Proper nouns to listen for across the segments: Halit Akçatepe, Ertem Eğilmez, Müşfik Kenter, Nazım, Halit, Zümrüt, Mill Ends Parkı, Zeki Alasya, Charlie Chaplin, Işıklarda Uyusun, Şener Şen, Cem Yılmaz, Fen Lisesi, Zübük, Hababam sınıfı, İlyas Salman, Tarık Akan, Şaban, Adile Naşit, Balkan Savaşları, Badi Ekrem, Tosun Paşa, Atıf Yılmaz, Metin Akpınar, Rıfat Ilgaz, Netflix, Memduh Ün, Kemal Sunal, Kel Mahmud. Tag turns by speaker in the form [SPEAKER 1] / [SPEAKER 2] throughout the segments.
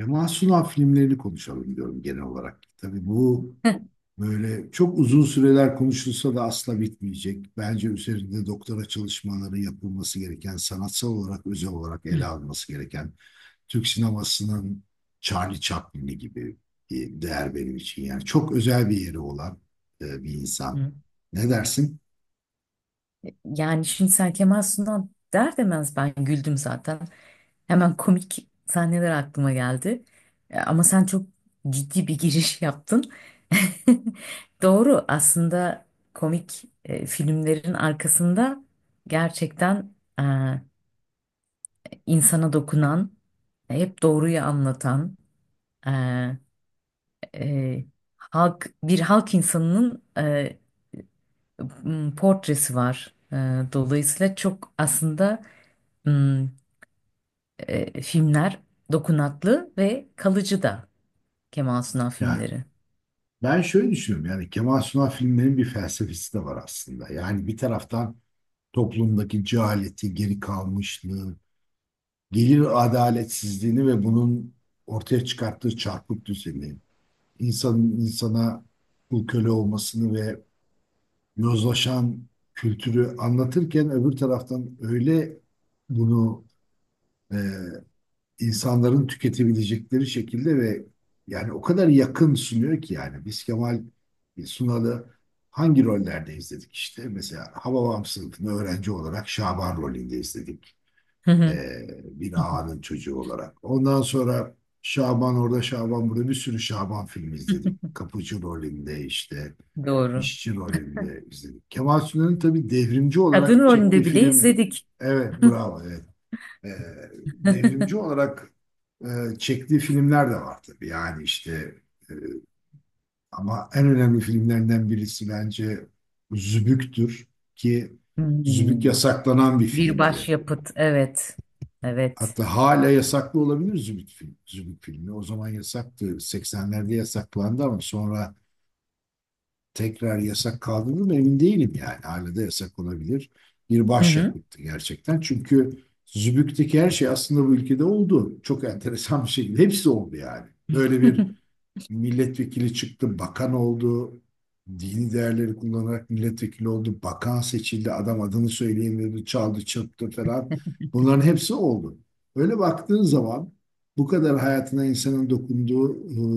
[SPEAKER 1] Kemal Sunal filmlerini konuşalım diyorum genel olarak. Tabii bu
[SPEAKER 2] Hı.
[SPEAKER 1] böyle çok uzun süreler konuşulsa da asla bitmeyecek. Bence üzerinde doktora çalışmaları yapılması gereken, sanatsal olarak, özel olarak ele alınması gereken Türk sinemasının Charlie Chaplin'i gibi bir değer benim için. Yani çok özel bir yeri olan bir insan.
[SPEAKER 2] Hı.
[SPEAKER 1] Ne dersin?
[SPEAKER 2] Yani şimdi sen Kemal Sunal der demez ben güldüm zaten. Hemen komik sahneler aklıma geldi. Ama sen çok ciddi bir giriş yaptın. Doğru aslında komik filmlerin arkasında gerçekten insana dokunan, hep doğruyu anlatan, e, e, bir halk insanının portresi var. E, Dolayısıyla çok aslında, m, filmler dokunaklı ve kalıcı da Kemal Sunal
[SPEAKER 1] Yani
[SPEAKER 2] filmleri.
[SPEAKER 1] ben şöyle düşünüyorum. Yani Kemal Sunal filmlerinin bir felsefesi de var aslında. Yani bir taraftan toplumdaki cehaleti, geri kalmışlığı, gelir adaletsizliğini ve bunun ortaya çıkarttığı çarpık düzeni, insanın insana kul köle olmasını ve yozlaşan kültürü anlatırken öbür taraftan öyle bunu e, insanların tüketebilecekleri şekilde ve yani o kadar yakın sunuyor ki yani biz Kemal Sunal'ı hangi rollerde izledik işte? Mesela Hababam sınıfını öğrenci olarak Şaban rolünde izledik.
[SPEAKER 2] Hı hı.
[SPEAKER 1] Bir ağanın çocuğu olarak. Ondan sonra Şaban orada Şaban burada bir sürü Şaban filmi izledik. Kapıcı rolünde işte
[SPEAKER 2] Doğru.
[SPEAKER 1] işçi rolünde izledik. Kemal Sunal'ın tabii devrimci
[SPEAKER 2] Kadın
[SPEAKER 1] olarak çektiği
[SPEAKER 2] rolünde bile
[SPEAKER 1] filmler.
[SPEAKER 2] izledik.
[SPEAKER 1] Evet, bravo, evet. Ee, Devrimci olarak e, çektiği filmler de var tabii. Yani işte e, ama en önemli filmlerinden birisi bence Zübük'tür ki Zübük
[SPEAKER 2] Hmm.
[SPEAKER 1] yasaklanan bir
[SPEAKER 2] Bir
[SPEAKER 1] filmdi.
[SPEAKER 2] başyapıt. Evet. Evet.
[SPEAKER 1] Hatta hala yasaklı olabilir Zümrüt film, Zümrüt filmi. O zaman yasaktı. 80'lerde yasaklandı ama sonra tekrar yasak kaldırıldı mı emin değilim yani. Hala da yasak olabilir. Bir
[SPEAKER 2] Hı hı.
[SPEAKER 1] başyapıttı gerçekten. Çünkü Zübük'teki her şey aslında bu ülkede oldu. Çok enteresan bir şekilde. Hepsi oldu yani. Böyle bir milletvekili çıktı, bakan oldu, dini değerleri kullanarak milletvekili oldu, bakan seçildi, adam adını söyleyemedi, çaldı, çırptı falan. Bunların hepsi oldu. Öyle baktığın zaman bu kadar hayatına insanın dokunduğu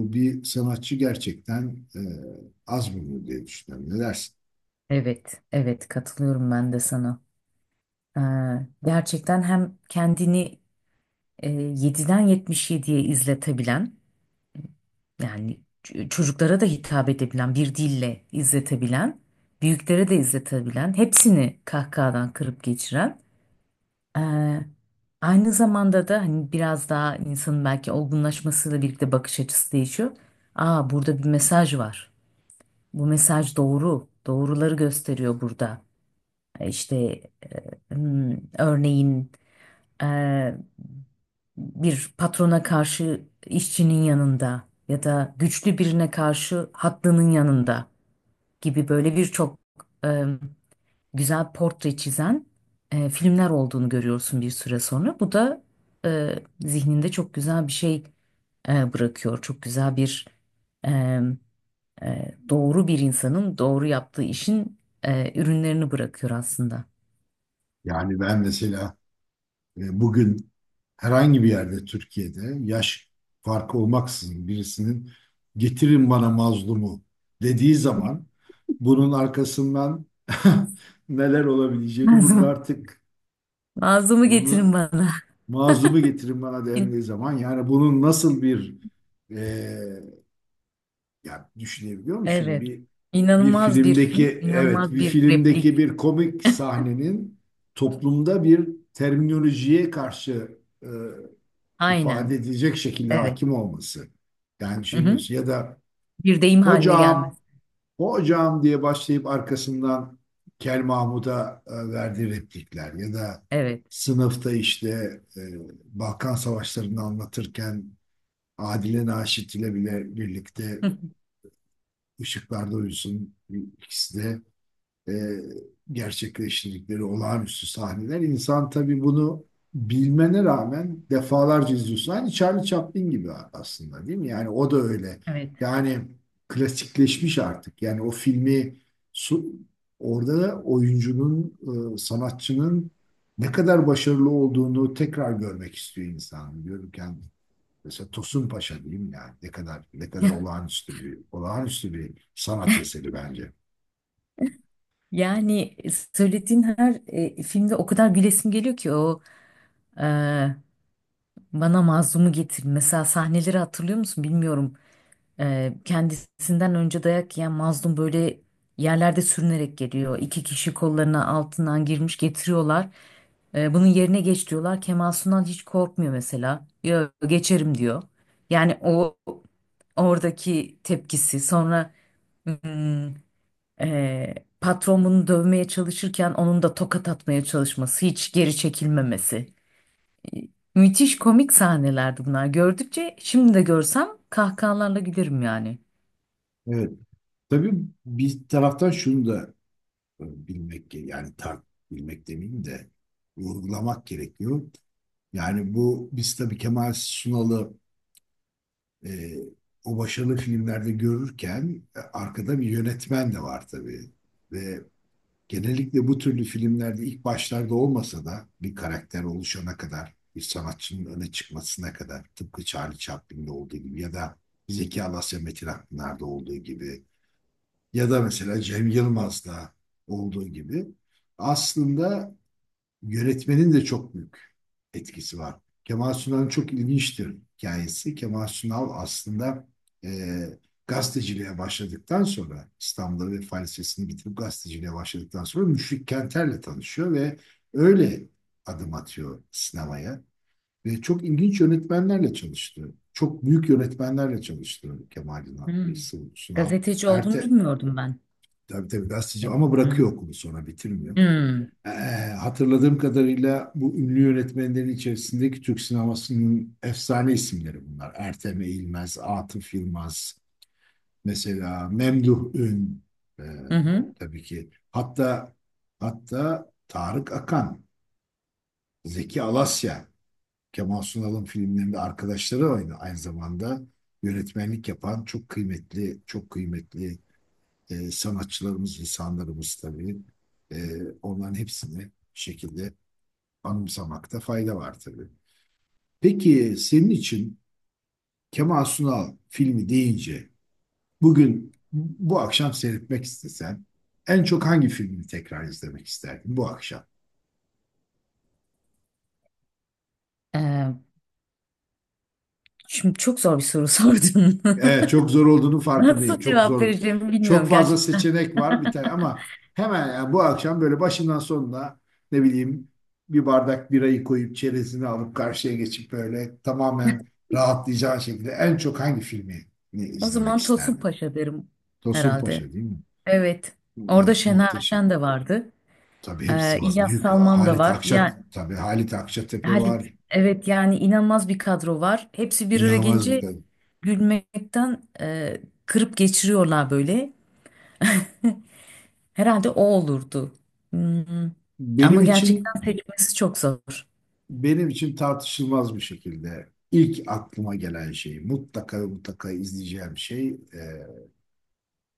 [SPEAKER 1] bir sanatçı gerçekten e, az bulunur diye düşünüyorum. Ne dersin?
[SPEAKER 2] Evet. Evet, katılıyorum ben de sana. Ee, Gerçekten hem kendini, 7'den 77'ye izletebilen, yani çocuklara da hitap edebilen, bir dille izletebilen, büyüklere de izletebilen, hepsini kahkahadan kırıp geçiren, eee, aynı zamanda da hani biraz daha insanın belki olgunlaşmasıyla birlikte bakış açısı değişiyor. Aa, burada bir mesaj var. Bu mesaj doğru. Doğruları gösteriyor burada. İşte örneğin, eee, bir patrona karşı işçinin yanında ya da güçlü birine karşı haklının yanında gibi, böyle birçok eee, güzel portre çizen filmler olduğunu görüyorsun bir süre sonra. Bu da zihninde çok güzel bir şey bırakıyor. Çok güzel bir, eee, doğru bir insanın doğru yaptığı işin ürünlerini bırakıyor aslında.
[SPEAKER 1] Yani ben mesela bugün herhangi bir yerde Türkiye'de yaş farkı olmaksızın birisinin getirin bana mazlumu dediği zaman bunun arkasından neler olabileceğini bunun
[SPEAKER 2] Nazım,
[SPEAKER 1] artık
[SPEAKER 2] Nazım'ı getirin
[SPEAKER 1] bunu
[SPEAKER 2] bana.
[SPEAKER 1] mazlumu getirin bana dendiği zaman yani bunun nasıl bir e, ya düşünebiliyor musun
[SPEAKER 2] Evet.
[SPEAKER 1] bir
[SPEAKER 2] İnanılmaz bir film, inanılmaz bir replik.
[SPEAKER 1] filmdeki bir komik sahnenin toplumda bir terminolojiye karşı e, ifade
[SPEAKER 2] Aynen.
[SPEAKER 1] edilecek şekilde
[SPEAKER 2] Evet.
[SPEAKER 1] hakim olması. Yani
[SPEAKER 2] Hı hı.
[SPEAKER 1] düşünüyorsun ya da
[SPEAKER 2] Bir deyim haline gelmez.
[SPEAKER 1] hocam, hocam diye başlayıp arkasından Kel Mahmud'a verdiği replikler ya da
[SPEAKER 2] Evet.
[SPEAKER 1] sınıfta işte e, Balkan Savaşları'nı anlatırken Adile Naşit ile bile birlikte Işıklarda Uyusun ikisi de e, gerçekleştirdikleri olağanüstü sahneler. İnsan tabii bunu bilmene rağmen defalarca izliyorsun. Aynı Charlie Chaplin gibi aslında değil mi? Yani o da öyle.
[SPEAKER 2] Evet.
[SPEAKER 1] Yani klasikleşmiş artık. Yani o filmi su- orada oyuncunun, sanatçının ne kadar başarılı olduğunu tekrar görmek istiyor insan. Diyorum ki yani mesela Tosun Paşa diyeyim yani ne kadar olağanüstü bir sanat eseri bence.
[SPEAKER 2] Yani, söylediğin her filmde o kadar gülesim geliyor ki. E, Bana mazlumu getir. Mesela sahneleri hatırlıyor musun, bilmiyorum. Kendisinden önce dayak yiyen mazlum böyle yerlerde sürünerek geliyor. İki kişi kollarına altından girmiş getiriyorlar. Bunun yerine geç diyorlar. Kemal Sunal hiç korkmuyor mesela. Yo, geçerim diyor. Yani oradaki tepkisi, sonra hmm, e, patron bunu dövmeye çalışırken onun da tokat atmaya çalışması, hiç geri çekilmemesi. Ee, Müthiş komik sahnelerdi bunlar. Gördükçe, şimdi de görsem, kahkahalarla gülerim yani.
[SPEAKER 1] Evet. Tabii bir taraftan şunu da e, bilmek ge- yani tar bilmek demeyeyim de vurgulamak gerekiyor. Yani bu biz tabii Kemal Sunal'ı e, o başarılı filmlerde görürken arkada bir yönetmen de var tabii. Ve genellikle bu türlü filmlerde ilk başlarda olmasa da bir karakter oluşana kadar, bir sanatçının öne çıkmasına kadar tıpkı Charlie Chaplin'de olduğu gibi ya da Zeki Alasya Metin Akpınar'da olduğu gibi ya da mesela Cem Yılmaz'da olduğu gibi aslında yönetmenin de çok büyük etkisi var. Kemal Sunal'ın çok ilginçtir hikayesi. Kemal Sunal aslında e, gazeteciliğe başladıktan sonra İstanbul'da ve Fen Lisesi'ni bitirip gazeteciliğe başladıktan sonra Müşfik Kenter'le tanışıyor ve öyle adım atıyor sinemaya. Ve çok ilginç yönetmenlerle çalıştı. Çok büyük yönetmenlerle çalıştı Kemal
[SPEAKER 2] Hmm.
[SPEAKER 1] Sunal. Sunal.
[SPEAKER 2] Gazeteci olduğunu
[SPEAKER 1] Erte,
[SPEAKER 2] bilmiyordum ben.
[SPEAKER 1] Tabii tabii gazeteci ama bırakıyor
[SPEAKER 2] Hmm.
[SPEAKER 1] okulu sonra bitirmiyor.
[SPEAKER 2] Hmm.
[SPEAKER 1] Ee, Hatırladığım kadarıyla bu ünlü yönetmenlerin içerisindeki Türk sinemasının efsane isimleri bunlar. Ertem Eğilmez, Atıf Yılmaz, mesela Memduh Ün, e,
[SPEAKER 2] Hı hı.
[SPEAKER 1] tabii ki. Hatta Tarık Akan, Zeki Alasya, Kemal Sunal'ın filmlerinde arkadaşları oynadı. Aynı zamanda yönetmenlik yapan çok kıymetli, çok kıymetli sanatçılarımız, insanlarımız tabii. E, Onların hepsini bir şekilde anımsamakta fayda var tabii. Peki senin için Kemal Sunal filmi deyince bugün bu akşam seyretmek istesen en çok hangi filmi tekrar izlemek isterdin bu akşam?
[SPEAKER 2] Ee, Şimdi çok zor bir soru sordun.
[SPEAKER 1] Evet, çok zor olduğunu farkındayım.
[SPEAKER 2] Nasıl
[SPEAKER 1] Çok
[SPEAKER 2] cevap
[SPEAKER 1] zor.
[SPEAKER 2] vereceğimi
[SPEAKER 1] Çok
[SPEAKER 2] bilmiyorum
[SPEAKER 1] fazla
[SPEAKER 2] gerçekten.
[SPEAKER 1] seçenek var bir tane ama hemen yani bu akşam böyle başından sonuna ne bileyim bir bardak birayı koyup çerezini alıp karşıya geçip böyle tamamen rahatlayacağın şekilde en çok hangi filmi
[SPEAKER 2] O
[SPEAKER 1] izlemek
[SPEAKER 2] zaman Tosun
[SPEAKER 1] isterdin?
[SPEAKER 2] Paşa derim
[SPEAKER 1] Tosun
[SPEAKER 2] herhalde.
[SPEAKER 1] Paşa değil mi?
[SPEAKER 2] Evet. Orada
[SPEAKER 1] Evet,
[SPEAKER 2] Şener
[SPEAKER 1] muhteşem.
[SPEAKER 2] Şen de vardı.
[SPEAKER 1] Tabii hepsi var.
[SPEAKER 2] İlyas
[SPEAKER 1] Büyük
[SPEAKER 2] Salman da
[SPEAKER 1] Halit
[SPEAKER 2] var.
[SPEAKER 1] Akçat
[SPEAKER 2] Yani
[SPEAKER 1] tabii Halit Akçatepe
[SPEAKER 2] Halit,
[SPEAKER 1] var.
[SPEAKER 2] evet, yani inanılmaz bir kadro var. Hepsi bir araya
[SPEAKER 1] İnanılmaz bir
[SPEAKER 2] gelince
[SPEAKER 1] kadın.
[SPEAKER 2] gülmekten, kırıp geçiriyorlar böyle. Herhalde o olurdu. Hmm. Ama
[SPEAKER 1] Benim
[SPEAKER 2] gerçekten
[SPEAKER 1] için
[SPEAKER 2] seçmesi çok zor.
[SPEAKER 1] benim için tartışılmaz bir şekilde ilk aklıma gelen şey, mutlaka ve mutlaka izleyeceğim şey e,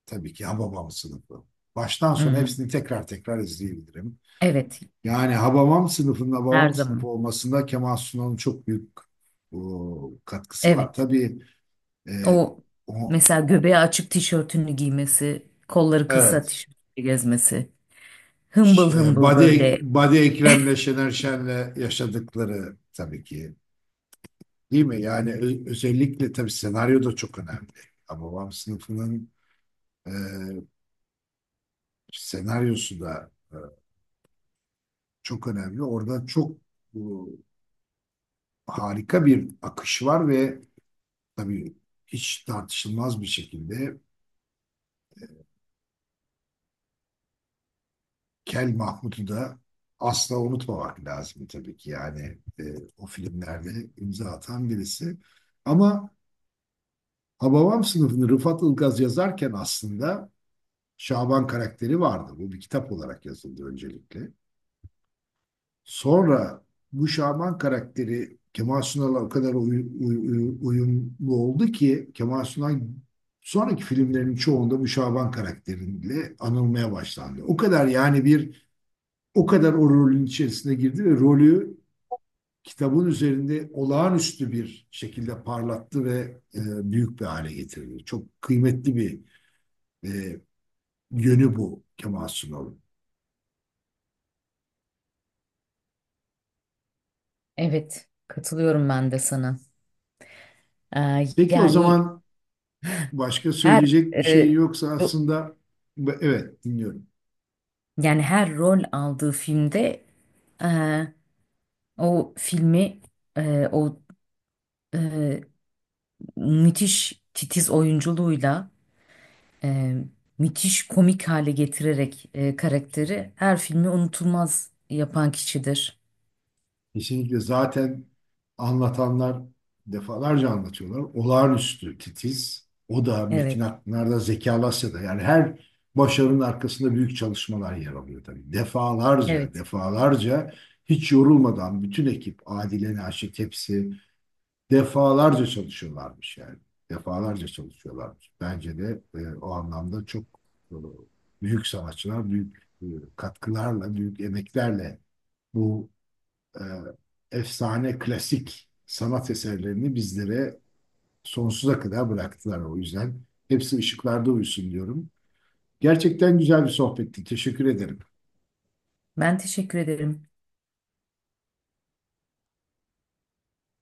[SPEAKER 1] tabii ki Hababam sınıfı. Baştan sona
[SPEAKER 2] Hmm.
[SPEAKER 1] hepsini tekrar tekrar izleyebilirim.
[SPEAKER 2] Evet,
[SPEAKER 1] Yani Hababam sınıfının
[SPEAKER 2] her
[SPEAKER 1] Hababam sınıfı
[SPEAKER 2] zaman.
[SPEAKER 1] olmasında Kemal Sunal'ın çok büyük katkısı var.
[SPEAKER 2] Evet.
[SPEAKER 1] Tabii e,
[SPEAKER 2] O,
[SPEAKER 1] o,
[SPEAKER 2] mesela göbeği açık tişörtünü giymesi, kolları kısa
[SPEAKER 1] evet
[SPEAKER 2] tişörtü gezmesi. Hımbıl hımbıl
[SPEAKER 1] Badi,
[SPEAKER 2] böyle.
[SPEAKER 1] Badi Ekrem'le Şener Şen'le yaşadıkları tabii ki değil mi? Yani özellikle tabii senaryo da çok önemli. Babam sınıfının E, senaryosu da çok önemli. Orada çok bu, harika bir akış var ve tabii hiç tartışılmaz bir şekilde Kel Mahmut'u da asla unutmamak lazım tabii ki. Yani o filmlerde imza atan birisi. Ama Hababam sınıfını Rıfat Ilgaz yazarken aslında Şaban karakteri vardı. Bu bir kitap olarak yazıldı öncelikle. Sonra bu Şaban karakteri Kemal Sunal'a o kadar uy- uy- uyumlu oldu ki Kemal Sunal sonraki filmlerin çoğunda bu Şaban karakteriyle anılmaya başlandı. O kadar o rolün içerisine girdi ve rolü kitabın üzerinde olağanüstü bir şekilde parlattı ve büyük bir hale getirdi. Çok kıymetli bir e, yönü bu Kemal Sunal'ın.
[SPEAKER 2] Evet, katılıyorum ben de sana.
[SPEAKER 1] Peki o
[SPEAKER 2] Yani
[SPEAKER 1] zaman başka
[SPEAKER 2] her
[SPEAKER 1] söyleyecek bir
[SPEAKER 2] e,
[SPEAKER 1] şey yoksa
[SPEAKER 2] ro-
[SPEAKER 1] aslında evet, dinliyorum.
[SPEAKER 2] yani her rol aldığı filmde, e, o filmi, e, o e, müthiş titiz oyunculuğuyla, e, müthiş komik hale getirerek, karakteri, her filmi unutulmaz yapan kişidir.
[SPEAKER 1] Kesinlikle zaten anlatanlar defalarca anlatıyorlar. Olağanüstü titiz. O da Metin
[SPEAKER 2] Evet,
[SPEAKER 1] Akpınar'da Zeki Alasya'da yani her başarının arkasında büyük çalışmalar yer alıyor tabii. Defalarca,
[SPEAKER 2] evet.
[SPEAKER 1] defalarca hiç yorulmadan bütün ekip Adile Naşit hepsi defalarca çalışıyorlarmış yani. Defalarca çalışıyorlarmış. Bence de o anlamda çok e, büyük sanatçılar, büyük katkılarla, büyük emeklerle bu e, efsane klasik sanat eserlerini bizlere sonsuza kadar bıraktılar. O yüzden hepsi ışıklarda uyusun diyorum. Gerçekten güzel bir sohbetti. Teşekkür ederim.
[SPEAKER 2] Ben teşekkür ederim.